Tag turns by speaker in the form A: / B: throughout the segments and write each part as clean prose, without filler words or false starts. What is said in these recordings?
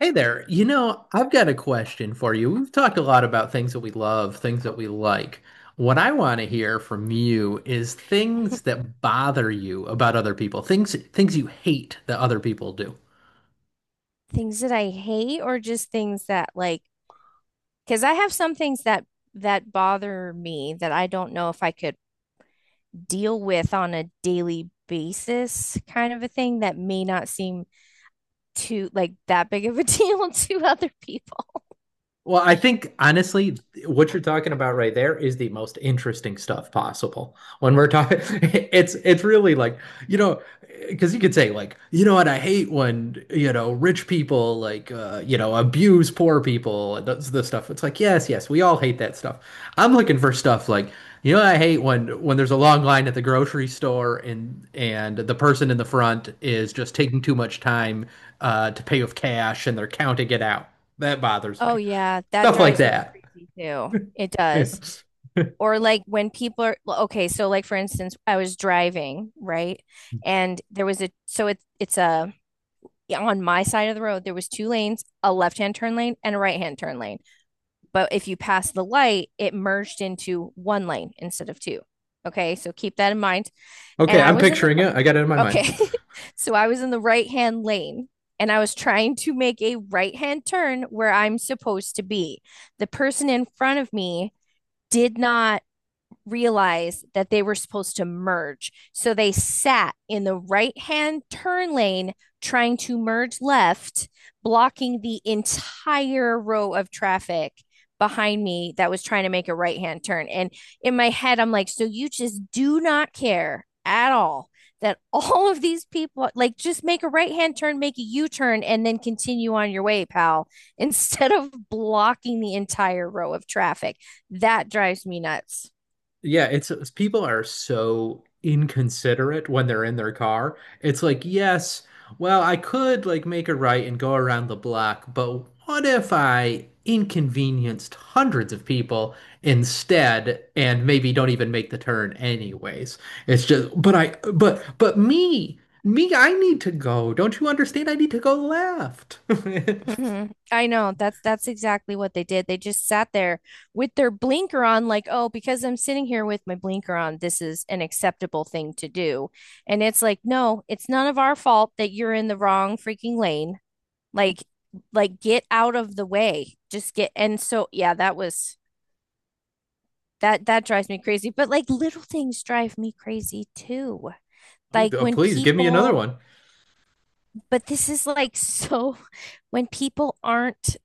A: Hey there. You know, I've got a question for you. We've talked a lot about things that we love, things that we like. What I want to hear from you is things that bother you about other people, things you hate that other people do.
B: Things that I hate or just things that, like, because I have some things that that bother me that I don't know if I could deal with on a daily basis, kind of a thing that may not seem too like that big of a deal to other people.
A: Well, I think honestly, what you're talking about right there is the most interesting stuff possible. When we're talking, it's really like, you know, because you could say like, you know what, I hate when, you know, rich people like you know, abuse poor people and that's the stuff. It's like, yes, yes, we all hate that stuff. I'm looking for stuff like, you know, I hate when there's a long line at the grocery store and the person in the front is just taking too much time to pay with cash and they're counting it out. That bothers
B: Oh
A: me.
B: yeah, that
A: Stuff like
B: drives me
A: that.
B: crazy too. It
A: Yeah.
B: does. Or like when people are okay, so like for instance, I was driving, right? And there was a so it's a on my side of the road there was two lanes, a left-hand turn lane and a right-hand turn lane, but if you pass the light it merged into one lane instead of two. Okay, so keep that in mind. And
A: Okay,
B: I
A: I'm
B: was in the
A: picturing it. I got it in my mind.
B: Okay. So I was in the right-hand lane and I was trying to make a right-hand turn where I'm supposed to be. The person in front of me did not realize that they were supposed to merge. So they sat in the right hand turn lane trying to merge left, blocking the entire row of traffic behind me that was trying to make a right hand turn. And in my head, I'm like, so you just do not care at all that all of these people, like, just make a right hand turn, make a U turn, and then continue on your way, pal, instead of blocking the entire row of traffic. That drives me nuts.
A: Yeah, people are so inconsiderate when they're in their car. It's like, yes, well, I could like make a right and go around the block, but what if I inconvenienced hundreds of people instead and maybe don't even make the turn anyways? It's just, but me, I need to go. Don't you understand? I need to go left.
B: hmm I know. That's exactly what they did. They just sat there with their blinker on, like, oh, because I'm sitting here with my blinker on, this is an acceptable thing to do. And it's like, no, it's none of our fault that you're in the wrong freaking lane. Like, like get out of the way. Just get. And so, yeah, that was that drives me crazy. But like little things drive me crazy too. Like
A: Oh,
B: when
A: please give me another one.
B: but this is like so when people aren't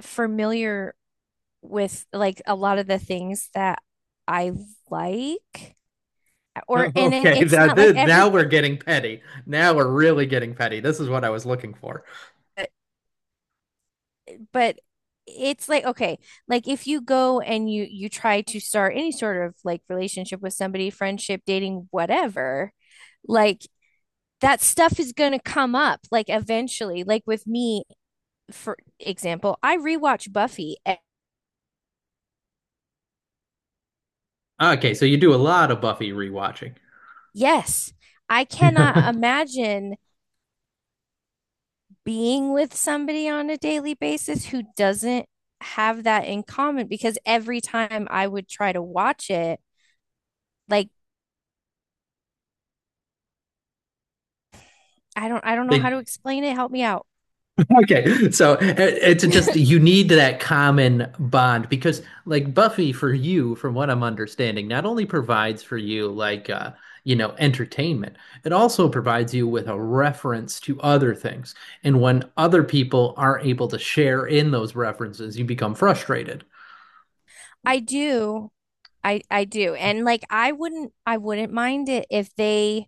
B: familiar with like a lot of the things that I like. or and it,
A: Okay,
B: it's
A: that,
B: not like
A: that
B: every
A: now we're getting petty. Now we're really getting petty. This is what I was looking for.
B: but, it's like okay, like if you go and you try to start any sort of like relationship with somebody, friendship, dating, whatever, like that stuff is going to come up, like eventually, like with me. For example, I rewatch Buffy.
A: Okay, so you do a lot of Buffy rewatching.
B: Yes. I cannot imagine being with somebody on a daily basis who doesn't have that in common, because every time I would try to watch it, like, I don't know how
A: they
B: to explain it. Help me out.
A: Okay, so it's just you need that common bond because, like Buffy, for you, from what I'm understanding, not only provides for you like you know, entertainment, it also provides you with a reference to other things. And when other people aren't able to share in those references, you become frustrated.
B: I do. I do. And like I wouldn't mind it if they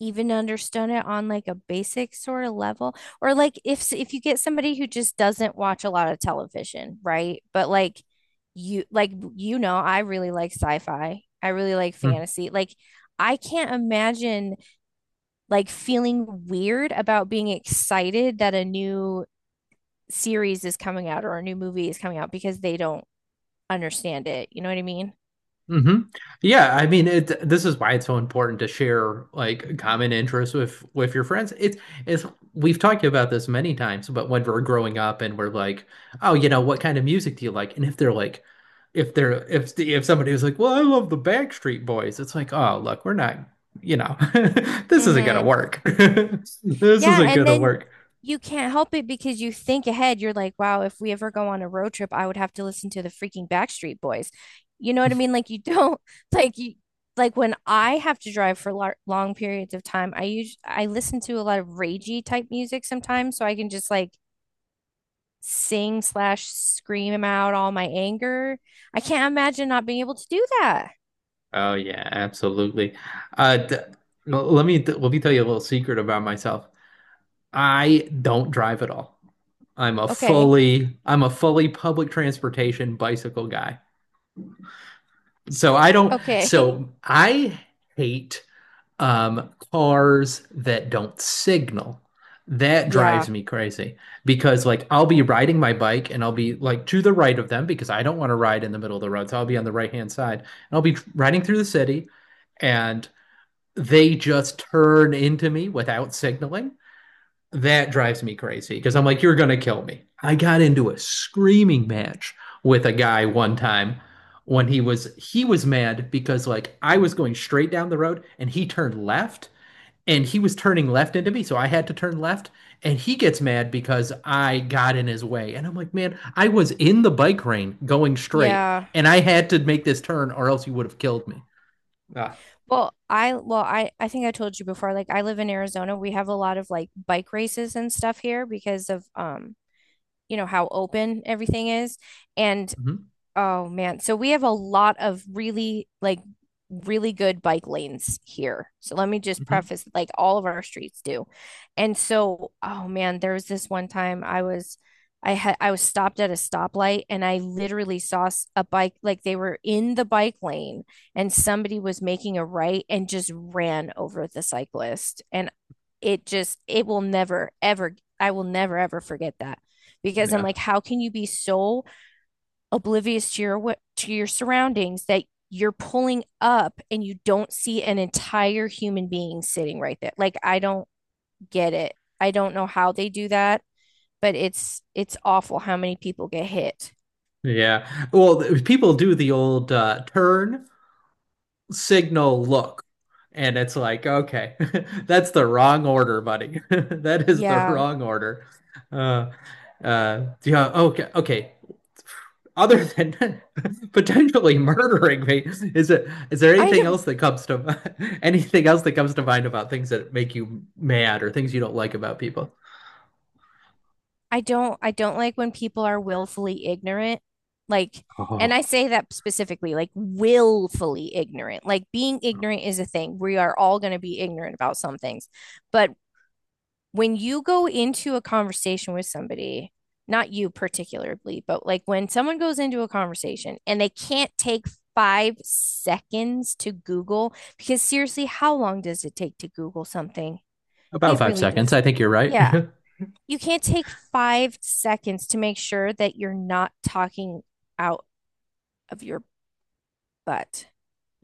B: even understand it on like a basic sort of level, or like if you get somebody who just doesn't watch a lot of television, right? But like, you, like, you know, I really like sci-fi, I really like fantasy, like I can't imagine like feeling weird about being excited that a new series is coming out or a new movie is coming out because they don't understand it, you know what I mean?
A: Hmm. Yeah, I mean it this is why it's so important to share like common interests with your friends. It's we've talked about this many times, but when we're growing up and we're like, "Oh, you know, what kind of music do you like?" And if they're like if they're if the- if somebody was like, "Well, I love the Backstreet Boys." It's like, "Oh, look, we're not, you know, this isn't gonna
B: hmm
A: work. This
B: yeah,
A: isn't
B: and
A: gonna
B: then
A: work."
B: you can't help it because you think ahead. You're like, wow, if we ever go on a road trip, I would have to listen to the freaking Backstreet Boys. You know what I mean? Like you don't like you, like when I have to drive for lar long periods of time, I listen to a lot of ragey type music sometimes, so I can just like sing slash scream out all my anger. I can't imagine not being able to do that.
A: Oh yeah, absolutely. Uh d let me tell you a little secret about myself. I don't drive at all.
B: Okay.
A: I'm a fully public transportation bicycle guy. So I don't
B: Okay.
A: so I hate cars that don't signal. That drives
B: Yeah.
A: me crazy because like I'll be riding my bike and I'll be like to the right of them because I don't want to ride in the middle of the road. So I'll be on the right-hand side and I'll be riding through the city and they just turn into me without signaling. That drives me crazy because I'm like, you're going to kill me. I got into a screaming match with a guy one time when he was mad because like I was going straight down the road and he turned left and he was turning left into me, so I had to turn left. And he gets mad because I got in his way, and I'm like, man, I was in the bike lane going straight
B: Yeah.
A: and I had to make this turn or else you would have killed me. Ah.
B: Well, I think I told you before, like I live in Arizona. We have a lot of like bike races and stuff here because of you know, how open everything is. And,
A: Mhm.
B: oh man. So we have a lot of really like really good bike lanes here. So let me just
A: Mhm.
B: preface, like, all of our streets do. And so, oh man, there was this one time I was, I was stopped at a stoplight and I literally saw a bike, like they were in the bike lane and somebody was making a right and just ran over the cyclist. And it just, it will never ever, I will never ever forget that, because I'm
A: Yeah.
B: like, how can you be so oblivious to your, to your surroundings that you're pulling up and you don't see an entire human being sitting right there. Like, I don't get it. I don't know how they do that, but it's awful how many people get hit.
A: Yeah. Well, people do the old turn signal look. And it's like, okay, that's the wrong order, buddy. That is the
B: Yeah.
A: wrong order. Uh, yeah, okay. Other than potentially murdering me, is there
B: I
A: anything
B: don't
A: else that comes to anything else that comes to mind about things that make you mad or things you don't like about people?
B: I don't like when people are willfully ignorant. Like, and I
A: Oh,
B: say that specifically, like willfully ignorant. Like being ignorant is a thing. We are all going to be ignorant about some things, but when you go into a conversation with somebody, not you particularly, but like when someone goes into a conversation and they can't take 5 seconds to Google, because seriously, how long does it take to Google something?
A: about
B: It
A: five
B: really
A: seconds.
B: does.
A: I think you're right.
B: Yeah. You can't take 5 seconds to make sure that you're not talking out of your butt.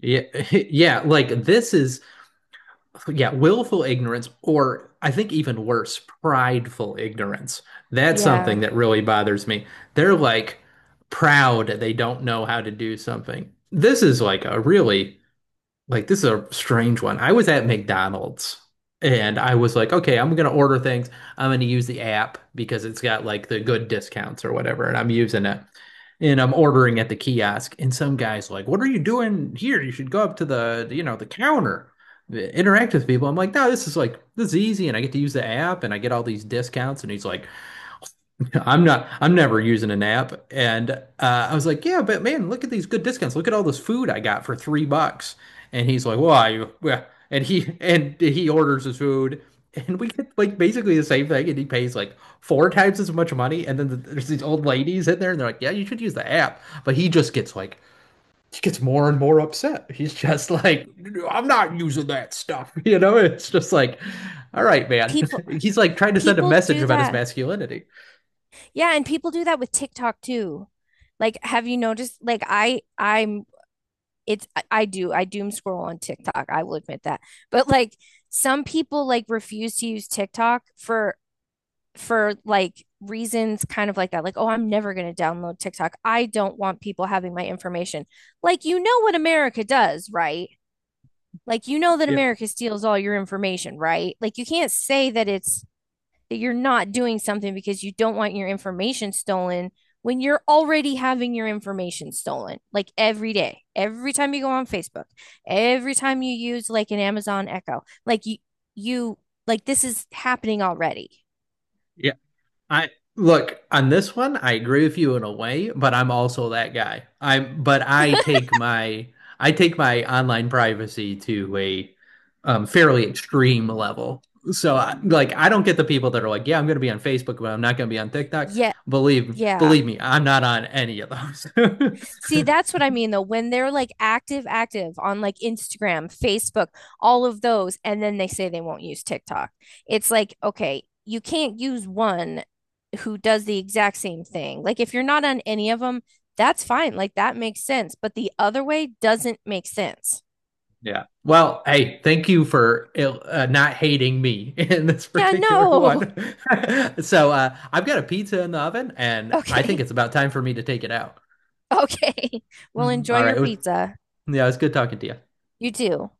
A: Yeah, yeah. Like this is yeah, willful ignorance, or I think even worse, prideful ignorance. That's something
B: Yeah.
A: that really bothers me. They're like proud they don't know how to do something. This is like a really, like, this is a strange one. I was at McDonald's and I was like, okay, I'm going to order things. I'm going to use the app because it's got like the good discounts or whatever. And I'm using it and I'm ordering at the kiosk, and some guy's like, "What are you doing here? You should go up to the, you know, the counter, interact with people." I'm like, "No, this is like this is easy, and I get to use the app, and I get all these discounts." And he's like, I'm never using an app. And I was like, yeah, but man, look at these good discounts. Look at all this food I got for $3. And he's like, well, and he orders his food. And we get like basically the same thing. And he pays like four times as much money. And then there's these old ladies in there and they're like, yeah, you should use the app. But he gets more and more upset. He's just like, I'm not using that stuff. You know, it's just like, all right, man.
B: People
A: He's like trying to send a
B: people
A: message
B: do
A: about his
B: that.
A: masculinity.
B: Yeah, and people do that with TikTok too. Like, have you noticed? Like, I I'm it's I, do I doom scroll on TikTok? I will admit that. But like some people like refuse to use TikTok for like reasons kind of like that. Like, oh, I'm never going to download TikTok. I don't want people having my information. Like, you know what America does, right? Like, you know that
A: Yeah.
B: America steals all your information, right? Like, you can't say that it's, that you're not doing something because you don't want your information stolen when you're already having your information stolen, like every day, every time you go on Facebook, every time you use like an Amazon Echo, like you like, this is happening already.
A: Yeah. I look, on this one, I agree with you in a way, but I'm also that guy. I take my online privacy to a fairly extreme level. So like I don't get the people that are like, yeah, I'm gonna be on Facebook, but I'm not gonna be on TikTok.
B: Yeah.
A: Believe
B: Yeah.
A: me, I'm not on any of those.
B: See, that's what I mean though. When they're like active, active on like Instagram, Facebook, all of those, and then they say they won't use TikTok. It's like, okay, you can't use one who does the exact same thing. Like if you're not on any of them, that's fine. Like that makes sense. But the other way doesn't make sense.
A: Yeah. Well, hey, thank you for not hating me in this
B: Yeah,
A: particular
B: no.
A: one. So, I've got a pizza in the oven, and I think
B: Okay.
A: it's about time for me to take it out.
B: Okay. Well,
A: Mhm.
B: enjoy
A: All right.
B: your pizza.
A: Yeah, it was good talking to you.
B: You too.